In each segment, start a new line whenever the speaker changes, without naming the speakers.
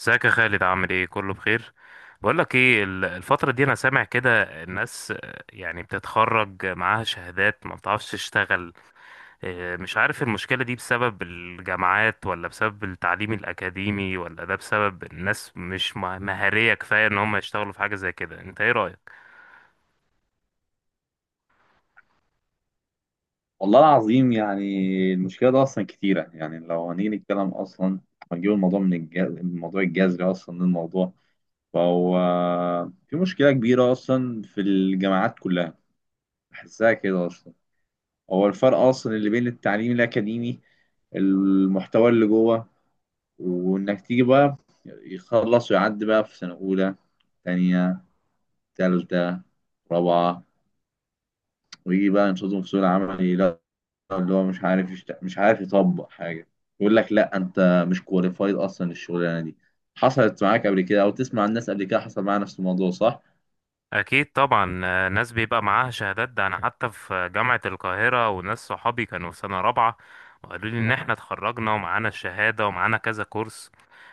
ازيك يا خالد؟ عامل ايه؟ كله بخير؟ بقول لك ايه، الفتره دي انا سامع كده الناس، يعني بتتخرج معاها شهادات ما بتعرفش تشتغل. مش عارف المشكله دي بسبب الجامعات، ولا بسبب التعليم الاكاديمي، ولا ده بسبب الناس مش مهاريه كفايه ان هم يشتغلوا في حاجه زي كده. انت ايه رايك؟
والله العظيم. يعني المشكلة ده أصلا كتيرة، يعني لو هنيجي نتكلم أصلا، هنجيب الموضوع من الموضوع الجذري أصلا للموضوع. فهو في مشكلة كبيرة أصلا في الجامعات كلها، بحسها كده أصلا. هو الفرق أصلا اللي بين التعليم الأكاديمي، المحتوى اللي جوه، وإنك تيجي بقى يخلص ويعدي بقى في سنة أولى، تانية، تالتة، رابعة، ويجي بقى ينشطهم في سوق العمل، اللي هو مش عارف مش عارف يطبق حاجه. يقول لك لا، انت مش كواليفايد اصلا الشغلانه دي. حصلت معاك قبل كده او تسمع عن الناس قبل كده حصل معاها نفس الموضوع، صح؟
أكيد طبعا، ناس بيبقى معاها شهادات. ده أنا حتى في جامعة القاهرة، وناس صحابي كانوا في سنة رابعة وقالوا لي إن إحنا اتخرجنا ومعانا الشهادة ومعانا كذا كورس،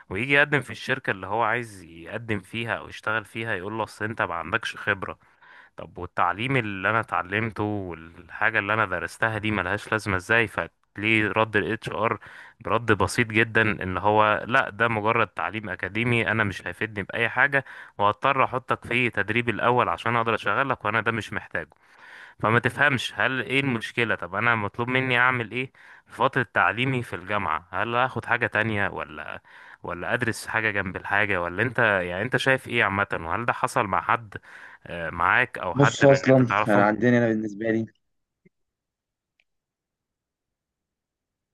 ويجي يقدم في الشركة اللي هو عايز يقدم فيها أو يشتغل فيها، يقول له أصل أنت ما عندكش خبرة. طب والتعليم اللي انا اتعلمته والحاجه اللي انا درستها دي ملهاش لازمه ازاي؟ فليه رد الاتش ار برد بسيط جدا ان هو لا، ده مجرد تعليم اكاديمي انا مش هيفيدني باي حاجه، وهضطر احطك في تدريب الاول عشان اقدر اشغلك وانا ده مش محتاجه. فما تفهمش هل ايه المشكلة. طب انا مطلوب مني اعمل ايه في فترة تعليمي في الجامعة؟ هل اخد حاجة تانية، ولا ادرس حاجة جنب الحاجة؟ ولا انت يعني انت شايف ايه عامة؟ وهل ده حصل مع حد؟ معاك او حد
بص
من اللي انت
اصلا، يعني
تعرفهم.
عندنا، انا بالنسبه لي،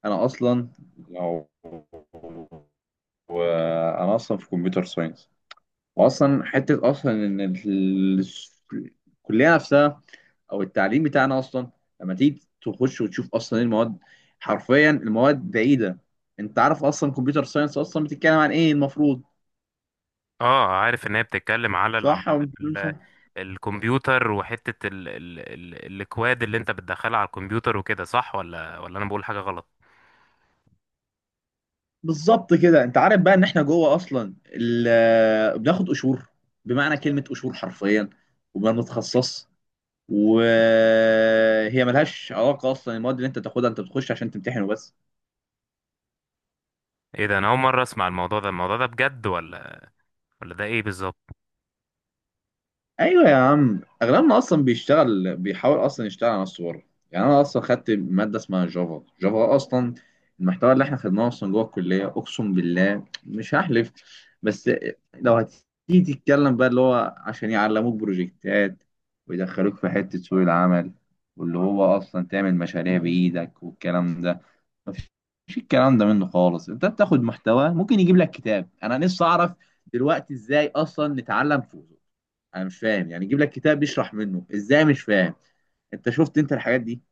انا اصلا، لو وانا اصلا في كمبيوتر ساينس، واصلا حته اصلا ان الكليه نفسها او التعليم بتاعنا اصلا، لما تيجي تخش وتشوف اصلا ايه المواد، حرفيا المواد بعيده. انت عارف اصلا كمبيوتر ساينس اصلا بتتكلم عن ايه المفروض؟
اه عارف ان هي بتتكلم على عامة
صح او مش صح؟
ال- الكمبيوتر، وحتة ال ال ال الاكواد اللي انت بتدخلها على الكمبيوتر وكده، صح ولا انا بقول حاجة غلط؟
بالظبط كده. انت عارف بقى ان احنا جوه اصلا بناخد قشور، بمعنى كلمه قشور حرفيا. وما بنتخصص، وهي ملهاش علاقه اصلا المواد اللي انت تاخدها، انت بتخش عشان تمتحن وبس.
ايه ده، انا اول مرة اسمع الموضوع ده. الموضوع ده بجد ولا ده ايه بالظبط؟
ايوه يا عم، اغلبنا اصلا بيشتغل، بيحاول اصلا يشتغل على نفسه بره. يعني انا اصلا خدت ماده اسمها جافا. جافا اصلا المحتوى اللي احنا خدناه اصلا جوه الكليه، اقسم بالله مش هحلف. بس لو هتيجي تتكلم بقى اللي هو عشان يعلموك بروجكتات ويدخلوك في حته سوق العمل، واللي هو اصلا تعمل مشاريع بايدك والكلام ده، مفيش الكلام ده منه خالص. انت بتاخد محتوى ممكن يجيب لك كتاب. انا نفسي اعرف دلوقتي ازاي اصلا نتعلم. انا مش فاهم، يعني يجيب لك كتاب بيشرح منه ازاي، مش فاهم. انت شفت انت الحاجات دي؟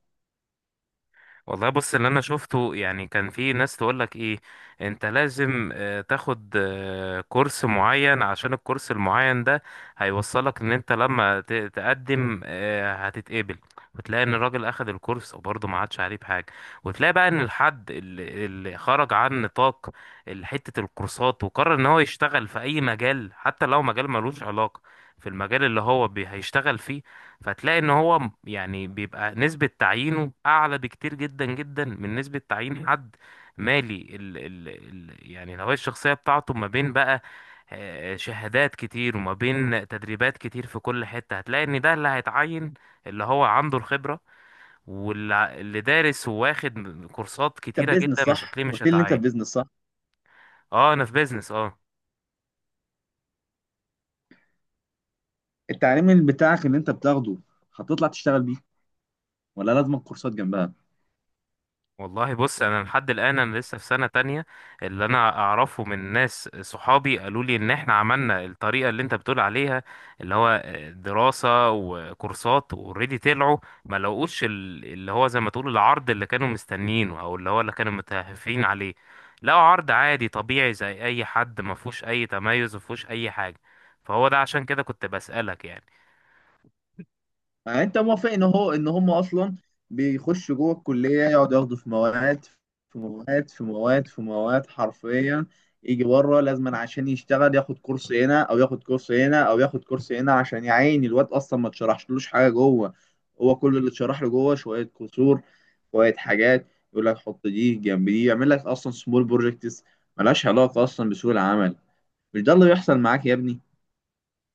والله بص، اللي انا شفته يعني كان في ناس تقول لك ايه، انت لازم تاخد كورس معين، عشان الكورس المعين ده هيوصلك ان انت لما تقدم، هتتقبل. وتلاقي ان الراجل اخد الكورس وبرضه ما عادش عليه بحاجه. وتلاقي بقى ان الحد اللي خرج عن نطاق حته الكورسات، وقرر ان هو يشتغل في اي مجال حتى لو مجال ملوش علاقه في المجال اللي هو هيشتغل فيه، فتلاقي ان هو يعني بيبقى نسبة تعيينه اعلى بكتير جدا جدا من نسبة تعيين حد مالي ال ال ال يعني الهوية الشخصية بتاعته ما بين بقى شهادات كتير وما بين تدريبات كتير. في كل حتة هتلاقي ان ده اللي هيتعين، اللي هو عنده الخبرة. واللي دارس وواخد كورسات
انت في
كتيرة
بيزنس
جدا مش
صح؟
هتلاقيه، مش
قلت لي ان انت في
هيتعين.
بيزنس، صح.
اه انا في بيزنس، اه.
التعليم اللي بتاعك اللي انت بتاخده هتطلع تشتغل بيه، ولا لازم كورسات جنبها؟
والله بص، انا لحد الان انا لسه في سنه تانية. اللي انا اعرفه من ناس صحابي، قالوا لي ان احنا عملنا الطريقه اللي انت بتقول عليها، اللي هو دراسه وكورسات. اوريدي طلعوا ما لقوش اللي هو زي ما تقول العرض اللي كانوا مستنيينه، او اللي هو اللي كانوا متهافين عليه. لقوا عرض عادي طبيعي زي اي حد، ما فيهوش اي تميز، ما فيهوش اي حاجه. فهو ده عشان كده كنت بسالك يعني.
يعني انت موافق ان هو ان هم اصلا بيخشوا جوه الكليه يقعدوا ياخدوا في مواد في مواد في مواد في مواد حرفيا، يجي بره لازما عشان يشتغل ياخد كورس هنا او ياخد كورس هنا او ياخد كورس هنا، عشان يعين الواد اصلا ما اتشرحشلوش حاجه جوه. هو كل اللي اتشرح له جوه شويه كسور، شويه حاجات، يقول لك حط دي جنب دي، يعمل لك اصلا سمول بروجكتس. ملهاش علاقه اصلا بسوق العمل. مش ده اللي بيحصل معاك يا ابني؟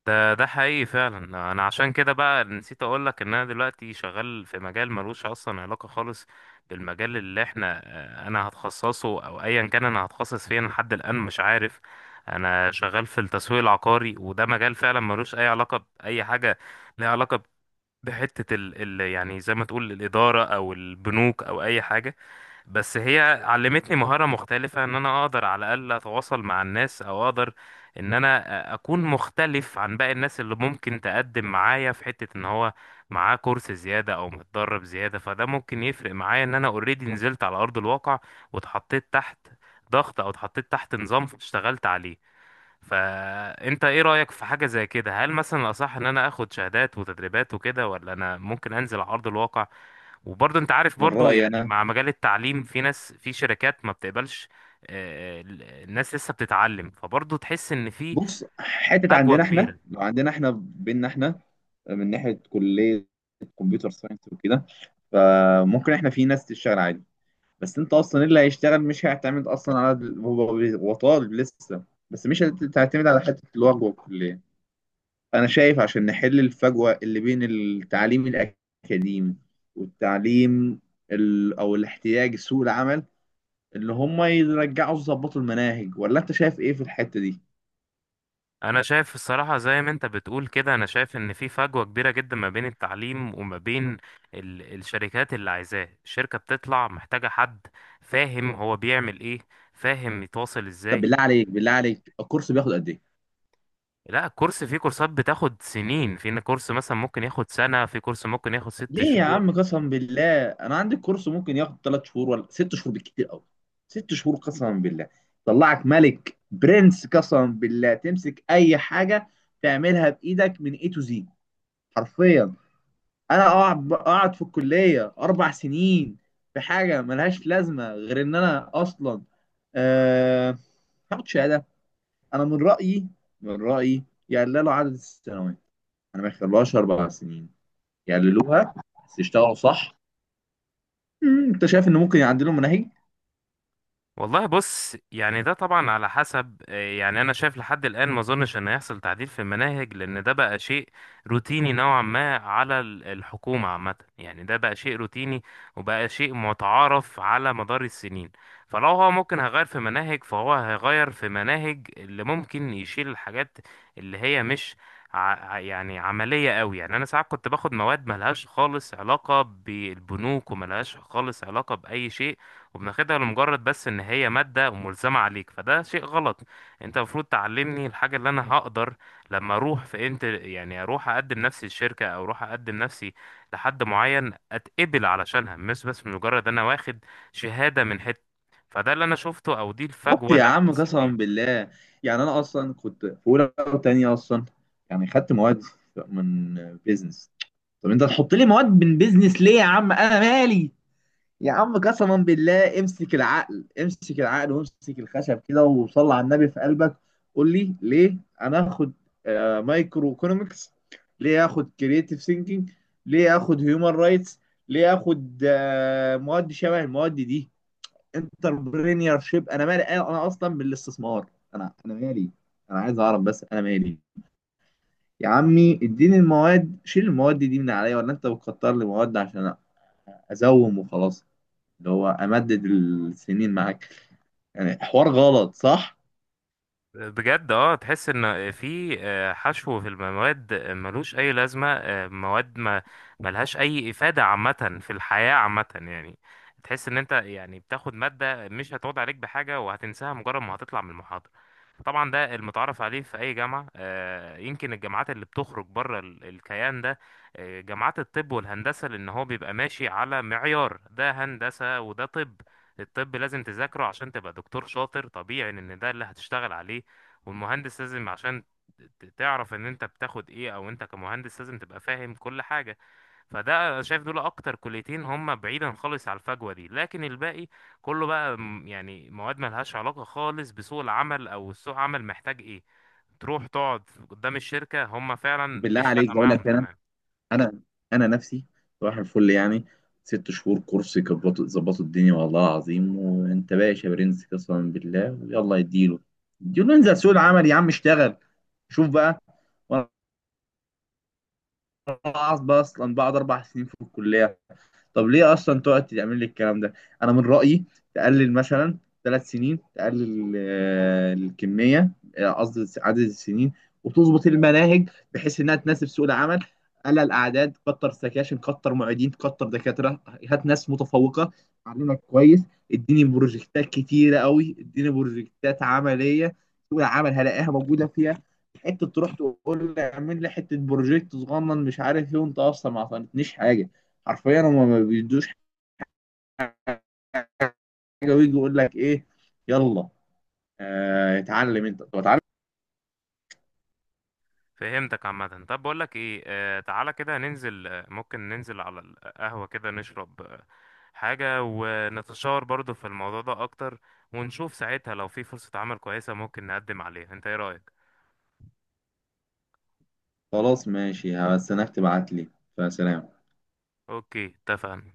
ده ده حقيقي فعلا. انا عشان كده بقى نسيت اقول لك ان انا دلوقتي شغال في مجال ملوش اصلا علاقه خالص بالمجال اللي احنا، انا هتخصصه او ايا كان انا هتخصص فيه، أنا لحد الان مش عارف. انا شغال في التسويق العقاري، وده مجال فعلا ملوش اي علاقه باي حاجه ليها علاقه بحته ال ال يعني زي ما تقول الاداره او البنوك او اي حاجه. بس هي علمتني مهارة مختلفة، ان انا اقدر على الاقل اتواصل مع الناس، او اقدر ان انا اكون مختلف عن باقي الناس اللي ممكن تقدم معايا في حتة ان هو معاه كورس زيادة او متدرب زيادة. فده ممكن يفرق معايا ان انا اوريدي نزلت على ارض الواقع، واتحطيت تحت ضغط، او اتحطيت تحت نظام اشتغلت عليه. فانت ايه رأيك في حاجة زي كده؟ هل مثلا الأصح ان انا اخد شهادات وتدريبات وكده، ولا انا ممكن انزل على ارض الواقع؟ وبرضه انت عارف
من
برضه
رايي
يعني
انا،
مع مجال التعليم في ناس في شركات ما بتقبلش، ال- الناس لسه بتتعلم، فبرضه تحس ان في
بص حتة
فجوة
عندنا احنا،
كبيرة.
لو عندنا احنا بينا احنا، من ناحية كلية كمبيوتر ساينس وكده، فممكن احنا في ناس تشتغل عادي. بس انت اصلا إيه اللي هيشتغل؟ مش هيعتمد اصلا على هو، هو طالب لسه. بس مش هتعتمد على حتة الوجبة والكلية. انا شايف عشان نحل الفجوة اللي بين التعليم الاكاديمي والتعليم، او الاحتياج سوق العمل، اللي هم يرجعوا يظبطوا المناهج. ولا انت شايف ايه في الحتة دي؟
انا شايف الصراحة زي ما انت بتقول كده، انا شايف ان في فجوة كبيرة جدا ما بين التعليم وما بين الشركات اللي عايزاه. الشركة بتطلع محتاجة حد فاهم هو بيعمل ايه، فاهم يتواصل
طب
ازاي.
بالله عليك، بالله عليك، الكورس بياخد قد ايه؟
لا، الكورس، في كورسات بتاخد سنين، في كورس مثلا ممكن ياخد سنة، في كورس ممكن ياخد ست
ليه يا
شهور.
عم؟ قسما بالله انا عندي الكورس ممكن ياخد 3 شهور ولا 6 شهور بالكتير قوي. 6 شهور قسما بالله طلعك ملك برنس. قسما بالله تمسك اي حاجه تعملها بايدك من اي تو زي، حرفيا. انا اقعد في الكليه 4 سنين في حاجه ملهاش لازمه غير ان انا اصلا أه... هاخد شهاده. انا من رايي، من رايي يقللوا عدد السنوات. انا ما يخلوهاش 4 سنين، يعدلوها بس يشتغلوا صح. انت شايف ان ممكن يعدلوا مناهج.
والله بص، يعني ده طبعا على حسب، يعني انا شايف لحد الان ما اظنش ان هيحصل تعديل في المناهج، لان ده بقى شيء روتيني نوعا ما على الحكومة عامة. يعني ده بقى شيء روتيني، وبقى شيء متعارف على مدار السنين. فلو هو ممكن هيغير في مناهج، فهو هيغير في مناهج اللي ممكن يشيل الحاجات اللي هي مش ع... يعني عملية قوي. يعني انا ساعات كنت باخد مواد ملهاش خالص علاقة بالبنوك، وملهاش خالص علاقة بأي شيء، وبناخدها لمجرد بس ان هي مادة وملزمة عليك. فده شيء غلط. انت المفروض تعلمني الحاجة اللي انا هقدر لما اروح في، انت يعني اروح اقدم نفسي للشركة، او اروح اقدم نفسي لحد معين، اتقبل علشانها، مش بس مجرد انا واخد شهادة من حتة. فده اللي انا شفته، او دي
بالظبط
الفجوة
يا
اللي انا
عم
حسيت
قسما
بيها.
بالله. يعني انا اصلا كنت في اولى وثانيه اصلا، يعني خدت مواد من بيزنس. طب انت تحط لي مواد من بيزنس ليه يا عم؟ انا مالي؟ يا عم قسما بالله امسك العقل، امسك العقل وامسك الخشب كده، وصل على النبي في قلبك. قول لي ليه انا اخد مايكرو ايكونومكس؟ ليه اخد كرييتيف ثينكينج؟ ليه اخد هيومن رايتس؟ ليه اخد مواد شبه المواد دي؟ انتربرينيور شيب؟ انا مالي؟ أنا اصلا بالاستثمار، انا مالي. انا عايز اعرف، بس انا مالي. يا عمي اديني المواد، شيل المواد دي من عليا. ولا انت بتكتر لي مواد عشان ازوم وخلاص؟ اللي هو امدد السنين معاك، يعني حوار غلط صح؟
بجد اه، تحس ان في حشو في المواد ملوش اي لازمه، مواد ما ملهاش اي افاده عامه في الحياه عامه يعني. تحس ان انت يعني بتاخد ماده مش هتقعد عليك بحاجه، وهتنساها مجرد ما هتطلع من المحاضره. طبعا ده المتعارف عليه في اي جامعه، يمكن الجامعات اللي بتخرج بره الكيان ده، جامعات الطب والهندسه، لان هو بيبقى ماشي على معيار، ده هندسه وده طب. الطب لازم تذاكره عشان تبقى دكتور شاطر، طبيعي ان ده اللي هتشتغل عليه. والمهندس لازم عشان تعرف ان انت بتاخد ايه، او انت كمهندس لازم تبقى فاهم كل حاجة. فده أنا شايف دول اكتر كليتين هم بعيدا خالص على الفجوة دي. لكن الباقي كله بقى يعني مواد ملهاش علاقة خالص بسوق العمل او سوق العمل محتاج ايه. تروح تقعد قدام الشركة هم فعلا
بالله
مش
عليك
فارقة
بقول
معاهم.
لك،
تمام،
انا انا نفسي صباح الفل، يعني 6 شهور كورس يظبطوا، يظبطوا الدنيا والله العظيم وانت باشا برنس قسما بالله، ويلا يديله. يديله، انزل سوق العمل يا عم، اشتغل شوف بقى. وانا اصلا بقعد 4 سنين في الكليه؟ طب ليه اصلا تقعد تعمل لي الكلام ده؟ انا من رايي تقلل مثلا 3 سنين، تقلل الكميه، قصدي عدد السنين، وتظبط المناهج بحيث انها تناسب سوق العمل. قلل اعداد، كتر سكاشن، كتر معيدين، كتر دكاتره. هات ناس متفوقه علمك كويس. اديني بروجكتات كتيره قوي، اديني بروجكتات عمليه، سوق العمل هلاقيها موجوده فيها. حته تروح تقول لي اعمل لي حته بروجكت صغنن مش عارف ايه، وانت اصلا ما عطيتنيش حاجه. حرفيا هما ما بيدوش حاجه، ويجي يقول لك ايه؟ يلا اتعلم انت. طب اتعلم.
فهمتك عامة. طب بقول لك ايه، آه تعالى كده ننزل، ممكن ننزل على القهوة كده، نشرب حاجة، ونتشاور برضو في الموضوع ده اكتر، ونشوف ساعتها لو في فرصة عمل كويسة ممكن نقدم عليها. انت ايه رأيك؟
خلاص ماشي، بس انك تبعت لي. فسلام.
اوكي، اتفقنا.